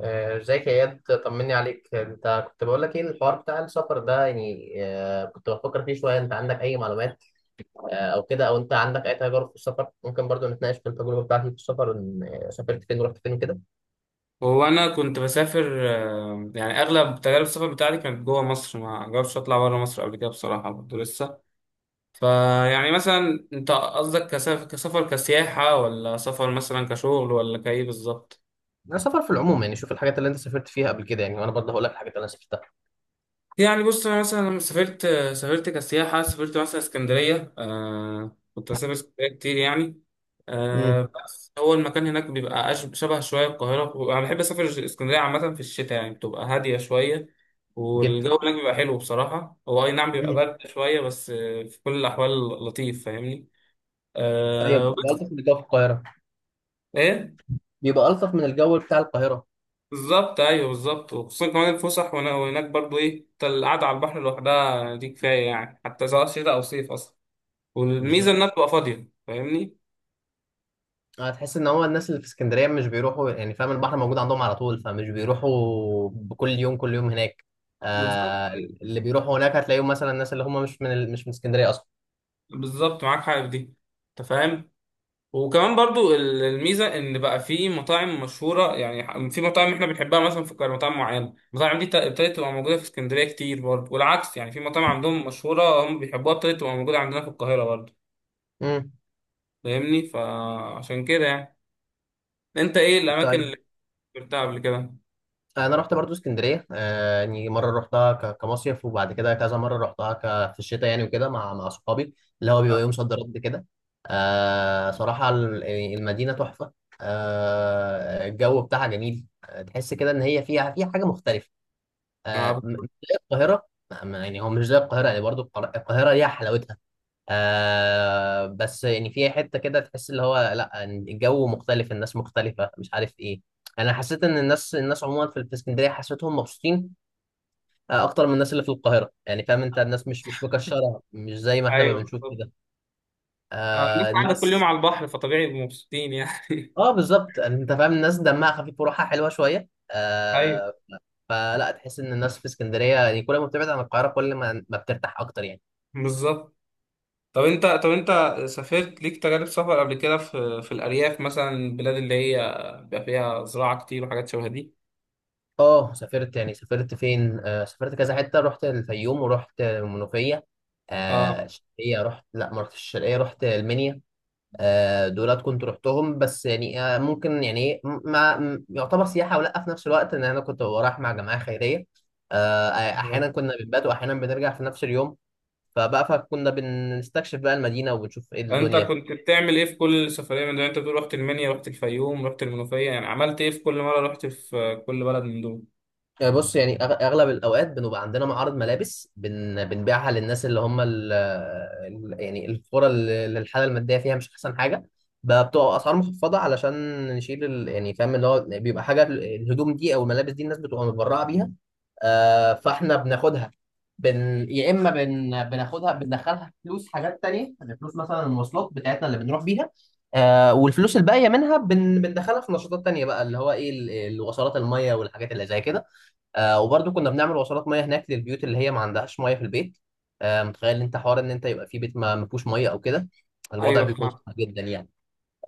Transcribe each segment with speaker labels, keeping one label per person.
Speaker 1: ازيك يا اياد؟ طمني عليك. انت كنت بقول لك ايه الحوار بتاع السفر ده؟ يعني كنت بفكر فيه شويه. انت عندك اي معلومات؟ او كده، او انت عندك اي تجارب في السفر؟ ممكن برضو نتناقش في التجربه بتاعتي في السفر. ان سافرت فين ورحت فين كده.
Speaker 2: هو انا كنت بسافر يعني اغلب تجارب السفر بتاعتي كانت جوه مصر، ما جربتش اطلع بره مصر قبل كده بصراحه برضه لسه. فيعني مثلا انت قصدك كسفر كسياحه، ولا سفر مثلا كشغل، ولا كايه بالظبط؟
Speaker 1: انا سفر في العموم، يعني شوف الحاجات اللي انت سافرت فيها قبل كده، يعني وانا برضه هقول لك الحاجات اللي انا سافرتها.
Speaker 2: يعني بص، انا مثلا لما سافرت، سافرت كسياحه، سافرت مثلا اسكندريه. كنت بسافر اسكندريه كتير يعني.
Speaker 1: امم.
Speaker 2: بس هو المكان هناك بيبقى شبه شويه القاهره. انا بحب اسافر اسكندريه عامه في الشتاء، يعني بتبقى هاديه شويه،
Speaker 1: جدا.
Speaker 2: والجو هناك بيبقى حلو بصراحه. هو اي نعم بيبقى
Speaker 1: امم.
Speaker 2: برد شويه، بس في كل الاحوال لطيف، فاهمني؟
Speaker 1: طيب، بيبقى
Speaker 2: بس
Speaker 1: الطف من الجو في القاهره.
Speaker 2: ايه؟
Speaker 1: بيبقى الطف من الجو بتاع القاهره.
Speaker 2: بالظبط، ايوه بالظبط. وخصوصا كمان الفسح، وهناك برضو ايه، القعده على البحر لوحدها دي كفايه يعني، حتى سواء شتاء او صيف اصلا. والميزه
Speaker 1: بالظبط.
Speaker 2: انها بتبقى فاضيه، فاهمني؟
Speaker 1: هتحس ان هو الناس اللي في اسكندريه مش بيروحوا، يعني فاهم، البحر موجود عندهم على طول، فمش بيروحوا بكل يوم، كل يوم هناك.
Speaker 2: بالظبط،
Speaker 1: آه،
Speaker 2: أيوة.
Speaker 1: اللي بيروحوا هناك هتلاقيهم مثلا الناس اللي هم مش من اسكندريه اصلا.
Speaker 2: بالظبط، معاك حق في دي. انت فاهم؟ وكمان برضو الميزه ان بقى في مطاعم مشهوره يعني، في مطاعم احنا بنحبها مثلا في القاهره، مطاعم معينه، المطاعم دي ابتدت تبقى موجوده في اسكندريه كتير برضو، والعكس يعني، في مطاعم عندهم مشهوره هم بيحبوها ابتدت تبقى موجوده عندنا في القاهره برضو.
Speaker 1: امم.
Speaker 2: فاهمني؟ فعشان كده يعني، انت ايه الاماكن اللي
Speaker 1: طيب،
Speaker 2: سافرتها قبل كده؟
Speaker 1: انا رحت برضو اسكندريه. يعني مره رحتها كمصيف، وبعد كده كذا مره رحتها في الشتاء يعني، وكده مع صحابي اللي هو بيبقى
Speaker 2: آه.
Speaker 1: يوم صد رد كده. يعني المدينه تحفه. آه، الجو بتاعها جميل. تحس كده ان هي فيها حاجه مختلفه.
Speaker 2: آه،
Speaker 1: مش زي القاهرة، يعني هو مش زي القاهرة، يعني برضو القاهرة ليها حلاوتها. بس يعني في حتة كده تحس اللي هو لا، الجو مختلف، الناس مختلفة، مش عارف ايه. انا حسيت ان الناس عموما في اسكندرية حسيتهم مبسوطين، اكتر من الناس اللي في القاهرة. يعني فاهم انت، الناس مش مكشرة، مش زي ما احنا ما
Speaker 2: ايوه
Speaker 1: بنشوف
Speaker 2: بالظبط.
Speaker 1: كده.
Speaker 2: آه، الناس
Speaker 1: آه
Speaker 2: قاعده كل يوم
Speaker 1: الناس.
Speaker 2: على البحر، فطبيعي يبقوا مبسوطين يعني.
Speaker 1: اه بالظبط انت فاهم، الناس دمها خفيف وروحها حلوة شوية.
Speaker 2: ايوه
Speaker 1: فلا، تحس ان الناس في اسكندرية يعني كل ما بتبعد عن القاهرة كل ما بترتاح اكتر يعني.
Speaker 2: بالظبط. طب انت سافرت ليك تجارب سفر قبل كده في الارياف مثلا، البلاد اللي هي بيبقى فيها زراعه كتير وحاجات شبه دي؟
Speaker 1: اه سافرت، يعني سافرت فين؟ سافرت كذا حته، رحت الفيوم ورحت المنوفيه،
Speaker 2: اه
Speaker 1: الشرقيه رحت، لا ما رحتش الشرقيه، رحت المنيا. دولت كنت رحتهم، بس يعني ممكن يعني إيه، م- ما م- يعتبر سياحه، ولا في نفس الوقت ان انا كنت رايح مع جماعه خيريه.
Speaker 2: اه.
Speaker 1: احيانا كنا بنبات، واحيانا بنرجع في نفس اليوم. فكنا بنستكشف بقى المدينه، وبنشوف ايه
Speaker 2: انت
Speaker 1: الدنيا.
Speaker 2: كنت بتعمل ايه في كل سفريه من دول؟ انت بتقول رحت المنيا، رحت الفيوم، رحت المنوفيه، يعني عملت ايه في كل مره رحت، في كل بلد من دول؟
Speaker 1: يعني بص، يعني اغلب الاوقات بنبقى عندنا معارض ملابس بنبيعها للناس اللي هم يعني القرى اللي الحاله الماديه فيها مش احسن حاجه. بقى بتبقى اسعار مخفضه علشان نشيل يعني فاهم، اللي هو بيبقى حاجه، الهدوم دي او الملابس دي الناس بتبقى متبرعه بيها. آه فاحنا بناخدها. بن... يا اما بن... بناخدها بندخلها فلوس حاجات تانية، يعني فلوس مثلا المواصلات بتاعتنا اللي بنروح بيها. آه، والفلوس الباقيه منها بندخلها في نشاطات تانية بقى، اللي هو ايه الوصلات الميه والحاجات اللي زي كده. آه، وبرضه كنا بنعمل وصلات ميه هناك للبيوت اللي هي ما عندهاش ميه في البيت. آه، متخيل انت حوار ان انت يبقى في بيت ما فيهوش ميه او كده؟ الوضع
Speaker 2: ايوه
Speaker 1: بيكون
Speaker 2: فهم.
Speaker 1: صعب جدا يعني.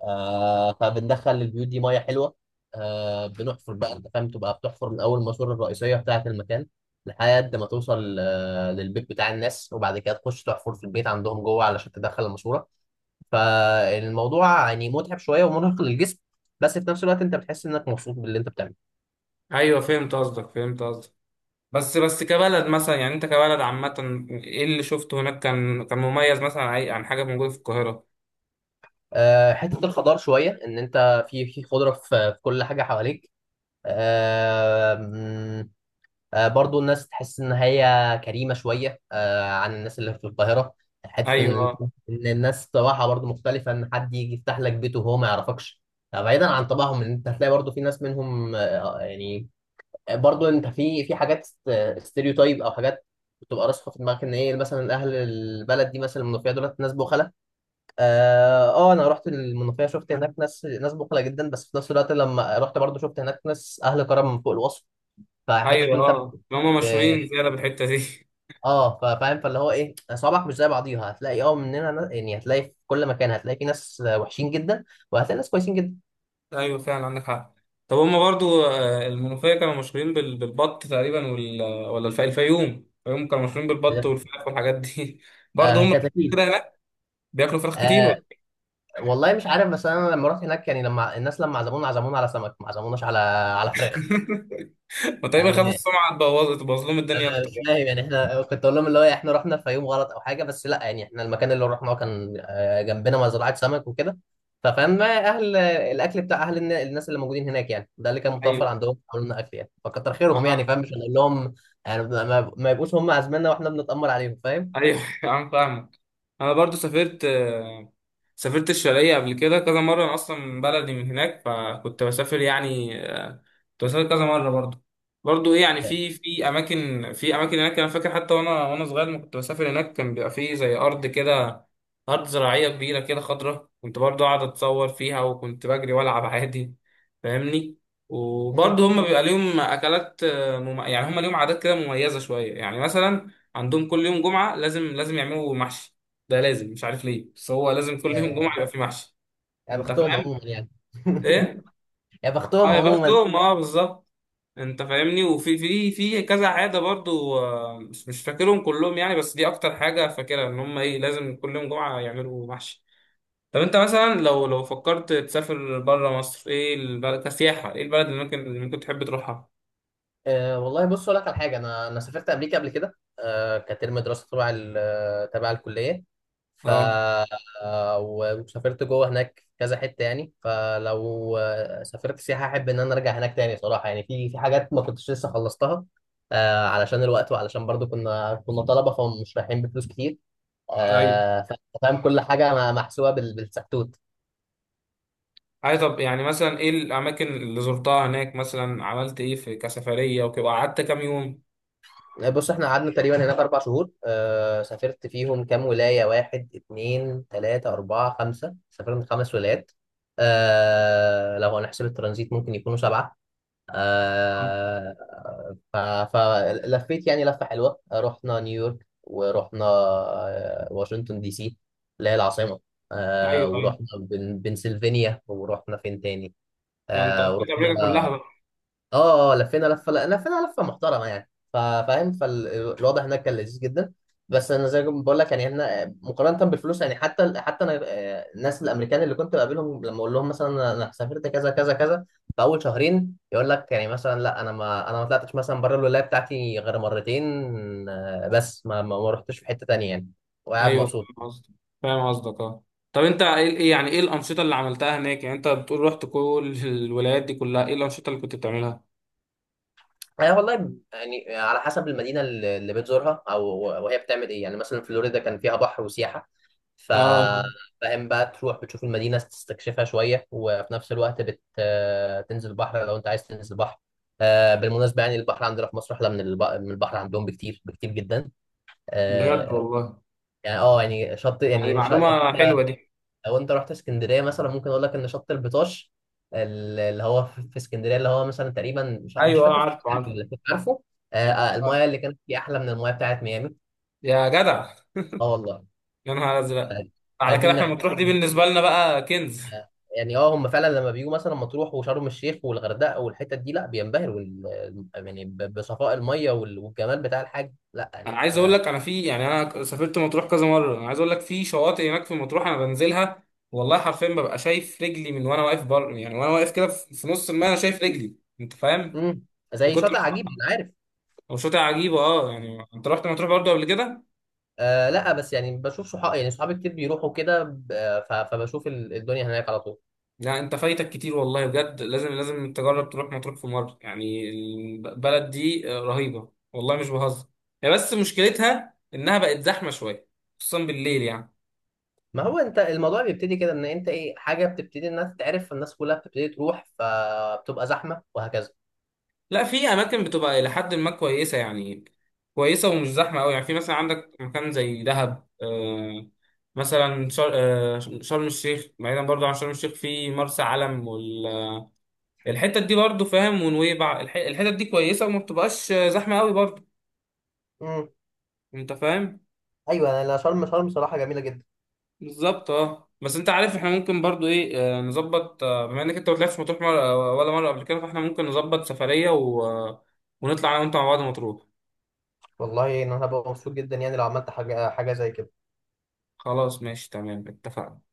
Speaker 1: آه، فبندخل للبيوت دي ميه حلوه. آه بنحفر بقى، انت فاهم، تبقى بتحفر من اول الماسوره الرئيسيه بتاعه المكان لحد ما توصل آه للبيت بتاع الناس، وبعد كده تخش تحفر في البيت عندهم جوه علشان تدخل الماسوره. فالموضوع يعني متعب شويه ومرهق للجسم، بس في نفس الوقت انت بتحس انك مبسوط باللي انت بتعمله.
Speaker 2: ايوه فهمت قصدك، فهمت قصدك. بس كبلد مثلا يعني، انت كبلد عامه ايه اللي شفته هناك كان كان مميز مثلا عن حاجه موجوده في القاهره؟
Speaker 1: حتة الخضار شوية، إن أنت في خضرة في كل حاجة حواليك. آه، مم، برضو الناس تحس إن هي كريمة شوية، عن الناس اللي في القاهرة. حتة إن
Speaker 2: ايوه
Speaker 1: أنت،
Speaker 2: اه.
Speaker 1: إن الناس طباعها برضو مختلفة، إن حد يجي يفتح لك بيته وهو ما يعرفكش. بعيدا عن طباعهم، إن أنت هتلاقي برضو في ناس منهم، يعني برضو أنت في حاجات ستيريوتايب أو حاجات بتبقى راسخة في دماغك، إن إيه، مثلا أهل البلد دي، مثلا المنوفية، دولت ناس بخلة. اه انا رحت المنوفيه شفت هناك ناس بخله جدا، بس في نفس الوقت لما رحت برضو شفت هناك ناس اهل كرم من فوق الوصف. فحته
Speaker 2: ايوه
Speaker 1: انت
Speaker 2: اه، هم مشهورين
Speaker 1: ب-
Speaker 2: زياده بالحته دي.
Speaker 1: اه فاهم، فاللي هو ايه، صوابعك مش زي بعضيها، هتلاقي اه يعني هتلاقي في كل مكان، هتلاقي في ناس وحشين جدا، وهتلاقي ناس كويسين جدا
Speaker 2: ايوه فعلا عندك حق. طب هما برضو المنوفيه كانوا مشهورين بالبط تقريبا، ولا الفيوم، الفيوم كانوا مشهورين
Speaker 1: في
Speaker 2: بالبط
Speaker 1: الآخر.
Speaker 2: والفراخ والحاجات دي. برضو
Speaker 1: آه
Speaker 2: هم
Speaker 1: كتاكيل.
Speaker 2: كده هناك بياكلوا فراخ كتير
Speaker 1: آه
Speaker 2: ولا؟
Speaker 1: والله مش عارف. بس انا لما رحت هناك يعني، لما الناس لما عزمونا على سمك، ما عزموناش على فراخ.
Speaker 2: وتقريبا خافوا
Speaker 1: آه،
Speaker 2: السمعه تبوظ لهم الدنيا
Speaker 1: انا
Speaker 2: اكتر
Speaker 1: مش
Speaker 2: يعني.
Speaker 1: فاهم يعني. احنا كنت اقول لهم اللي هو احنا رحنا في يوم غلط او حاجه، بس لا، يعني احنا المكان اللي رحناه كان جنبنا مزرعه سمك وكده. ففاهم، ما اهل الاكل بتاع اهل الناس اللي موجودين هناك، يعني ده اللي كان متوفر
Speaker 2: ايوه
Speaker 1: عندهم، عملوا لنا اكل يعني، فكتر خيرهم يعني
Speaker 2: انا،
Speaker 1: فاهم، مش هنقول لهم يعني ما يبقوش هم عازميننا واحنا بنتامر عليهم، فاهم؟
Speaker 2: ايوه. انا فاهمك. انا برضو سافرت سافرت الشرقية قبل كده كذا مرة، انا اصلا من بلدي من هناك، فكنت بسافر يعني كنت بسافر كذا مرة برضو. برضو ايه يعني،
Speaker 1: يعني
Speaker 2: في في اماكن، في اماكن هناك انا فاكر، حتى وانا صغير لما كنت بسافر هناك، كان بيبقى فيه زي ارض كده، ارض زراعية كبيرة كده خضرة، كنت برضو قاعد اتصور فيها، وكنت بجري والعب عادي، فاهمني؟
Speaker 1: مم.
Speaker 2: وبرضو هم بيبقى ليهم اكلات يعني هم ليهم عادات كده مميزة شوية يعني. مثلا عندهم كل يوم جمعة لازم يعملوا محشي، ده لازم، مش عارف ليه، بس هو لازم كل يوم جمعه
Speaker 1: آه،
Speaker 2: يبقى في محشي.
Speaker 1: يا
Speaker 2: انت
Speaker 1: بختهم
Speaker 2: فاهم؟
Speaker 1: عموما يعني
Speaker 2: ايه؟
Speaker 1: يا
Speaker 2: اه
Speaker 1: بختهم
Speaker 2: يا
Speaker 1: عموما.
Speaker 2: بختهم، اه بالظبط. انت فاهمني؟ وفي، في في كذا عاده برضو مش فاكرهم كلهم يعني، بس دي اكتر حاجه فاكرها ان هم ايه، لازم كل يوم جمعه يعملوا محشي. طب انت مثلا لو فكرت تسافر بره مصر، ايه البلد كسياحه، ايه البلد اللي ممكن تحب تروحها؟
Speaker 1: أه والله بص اقول لك على حاجه، انا سافرت امريكا قبل كده. أه كترم دراسه تبع تبع الكليه. ف
Speaker 2: اه
Speaker 1: وسافرت جوه هناك كذا حته يعني. فلو سافرت سياحه احب ان انا ارجع هناك تاني صراحه، يعني في حاجات ما كنتش لسه خلصتها. أه علشان الوقت، وعلشان برضو كنا طلبه، فمش رايحين بفلوس كتير.
Speaker 2: ايوه.
Speaker 1: أه فاهم، كل حاجه محسوبه بالسكتوت.
Speaker 2: اي طب يعني مثلا، ايه الاماكن اللي زرتها هناك، مثلا عملت ايه في كسفريه وكده، قعدت كام يوم؟
Speaker 1: بص احنا قعدنا تقريبا هناك 4 شهور. آه سافرت فيهم كام ولايه؟ واحد اتنين تلاته اربعه خمسه، سافرنا 5 ولايات. آه لو هنحسب الترانزيت ممكن يكونوا سبعه.
Speaker 2: آه.
Speaker 1: آه فلفيت يعني لفه حلوه. رحنا نيويورك، ورحنا واشنطن دي سي اللي هي العاصمه.
Speaker 2: ايوه
Speaker 1: آه،
Speaker 2: ايوه.
Speaker 1: ورحنا بنسلفانيا. ورحنا فين تاني؟
Speaker 2: لا انت
Speaker 1: آه
Speaker 2: قضيت امريكا كلها
Speaker 1: ورحنا.
Speaker 2: بقى.
Speaker 1: اه اه لفينا لفه، لفينا لفه محترمه يعني فاهم. فالوضع هناك كان لذيذ جدا. بس انا زي ما بقول لك، يعني احنا مقارنه بالفلوس يعني حتى انا الناس الامريكان اللي كنت بقابلهم لما اقول لهم مثلا أنا سافرت كذا كذا كذا، في اول شهرين يقول لك يعني مثلا لا، ما انا ما طلعتش مثلا بره الولايه بتاعتي غير مرتين. بس ما رحتش في حته تانيه يعني، وقاعد
Speaker 2: ايوه
Speaker 1: مبسوط.
Speaker 2: فاهم قصدك، فاهم قصدك اه. طب انت يعني ايه الانشطه اللي عملتها هناك؟ يعني انت بتقول رحت كل الولايات دي كلها، ايه الانشطه اللي كنت بتعملها؟
Speaker 1: أنا والله يعني على حسب المدينة اللي بتزورها أو وهي بتعمل إيه، يعني مثلا فلوريدا كان فيها بحر وسياحة. ف
Speaker 2: اه
Speaker 1: فاهم بقى، تروح بتشوف المدينة تستكشفها شوية، وفي نفس الوقت بت... آه، تنزل البحر لو أنت عايز تنزل البحر. بالمناسبة يعني البحر عندنا في مصر أحلى من من البحر عندهم بكتير بكتير جدا.
Speaker 2: بجد
Speaker 1: آه،
Speaker 2: والله؟
Speaker 1: يعني أه يعني
Speaker 2: هذه
Speaker 1: لو
Speaker 2: معلومه حلوه
Speaker 1: أنت،
Speaker 2: دي.
Speaker 1: لو انت رحت اسكندريه مثلا، ممكن اقول لك ان شط البطاش اللي هو في اسكندريه، اللي هو مثلا تقريبا مش مش
Speaker 2: ايوه اه،
Speaker 1: فاكر في
Speaker 2: عارف عارف.
Speaker 1: اسكندرية ولا فين، عارفه.
Speaker 2: آه.
Speaker 1: المايه اللي كانت فيه احلى من المايه بتاعت ميامي.
Speaker 2: يا جدع،
Speaker 1: اه والله.
Speaker 2: يا نهار ازرق.
Speaker 1: آه،
Speaker 2: على
Speaker 1: فدي
Speaker 2: كده
Speaker 1: من
Speaker 2: احنا
Speaker 1: الحاجات
Speaker 2: مطروح دي
Speaker 1: اللي
Speaker 2: بالنسبه لنا بقى كنز.
Speaker 1: يعني اه هم فعلا لما بيجوا مثلا مطروح وشرم الشيخ والغردقه والحتت دي لا بينبهروا يعني بصفاء المايه والجمال بتاع الحاج، لا
Speaker 2: انا
Speaker 1: يعني
Speaker 2: عايز اقول لك، انا في يعني، انا سافرت مطروح كذا مره، انا عايز اقول لك في شواطئ هناك في مطروح انا بنزلها، والله حرفيا ببقى شايف رجلي، من وانا واقف بر يعني، وانا واقف كده في في نص الماء، انا شايف رجلي. انت فاهم؟
Speaker 1: مم.
Speaker 2: من
Speaker 1: زي
Speaker 2: كتر.
Speaker 1: شاطئ عجيب انا عارف.
Speaker 2: هو شاطئ عجيبه اه يعني. انت رحت مطروح برضه قبل كده؟
Speaker 1: آه لا، بس يعني بشوف صحابي، يعني صحابي كتير بيروحوا كده فبشوف الدنيا هناك على طول.
Speaker 2: لا انت فايتك كتير، والله بجد، لازم تجرب تروح مطروح في مره يعني. البلد دي رهيبه، والله مش بهزر. هي بس مشكلتها انها بقت زحمه شويه، خصوصا بالليل يعني.
Speaker 1: ما هو انت الموضوع بيبتدي كده، ان انت ايه، حاجه بتبتدي انها تتعرف، فالناس كلها بتبتدي تروح، فبتبقى زحمه وهكذا.
Speaker 2: لا، في اماكن بتبقى الى حد ما كويسه يعني، كويسه ومش زحمه قوي يعني. في مثلا عندك مكان زي دهب، مثلا شر... آه شرم الشيخ، بعيدا برضو عن شرم الشيخ في مرسى علم، والحتت دي برضو فاهم، ونويبع، الحتت دي كويسه وما بتبقاش زحمه قوي برضو.
Speaker 1: امم.
Speaker 2: انت فاهم؟
Speaker 1: ايوه انا شرم، صراحه جميله جدا.
Speaker 2: بالظبط اه. بس انت عارف احنا ممكن برضو ايه نظبط بما انك انت ما طلعتش مطروح مرة ولا مره قبل كده، فاحنا ممكن نظبط سفريه و... آه، ونطلع انا وانت مع بعض مطروح.
Speaker 1: والله ان انا هبقى مبسوط جدا يعني لو عملت حاجه زي كده.
Speaker 2: خلاص ماشي تمام، اتفقنا.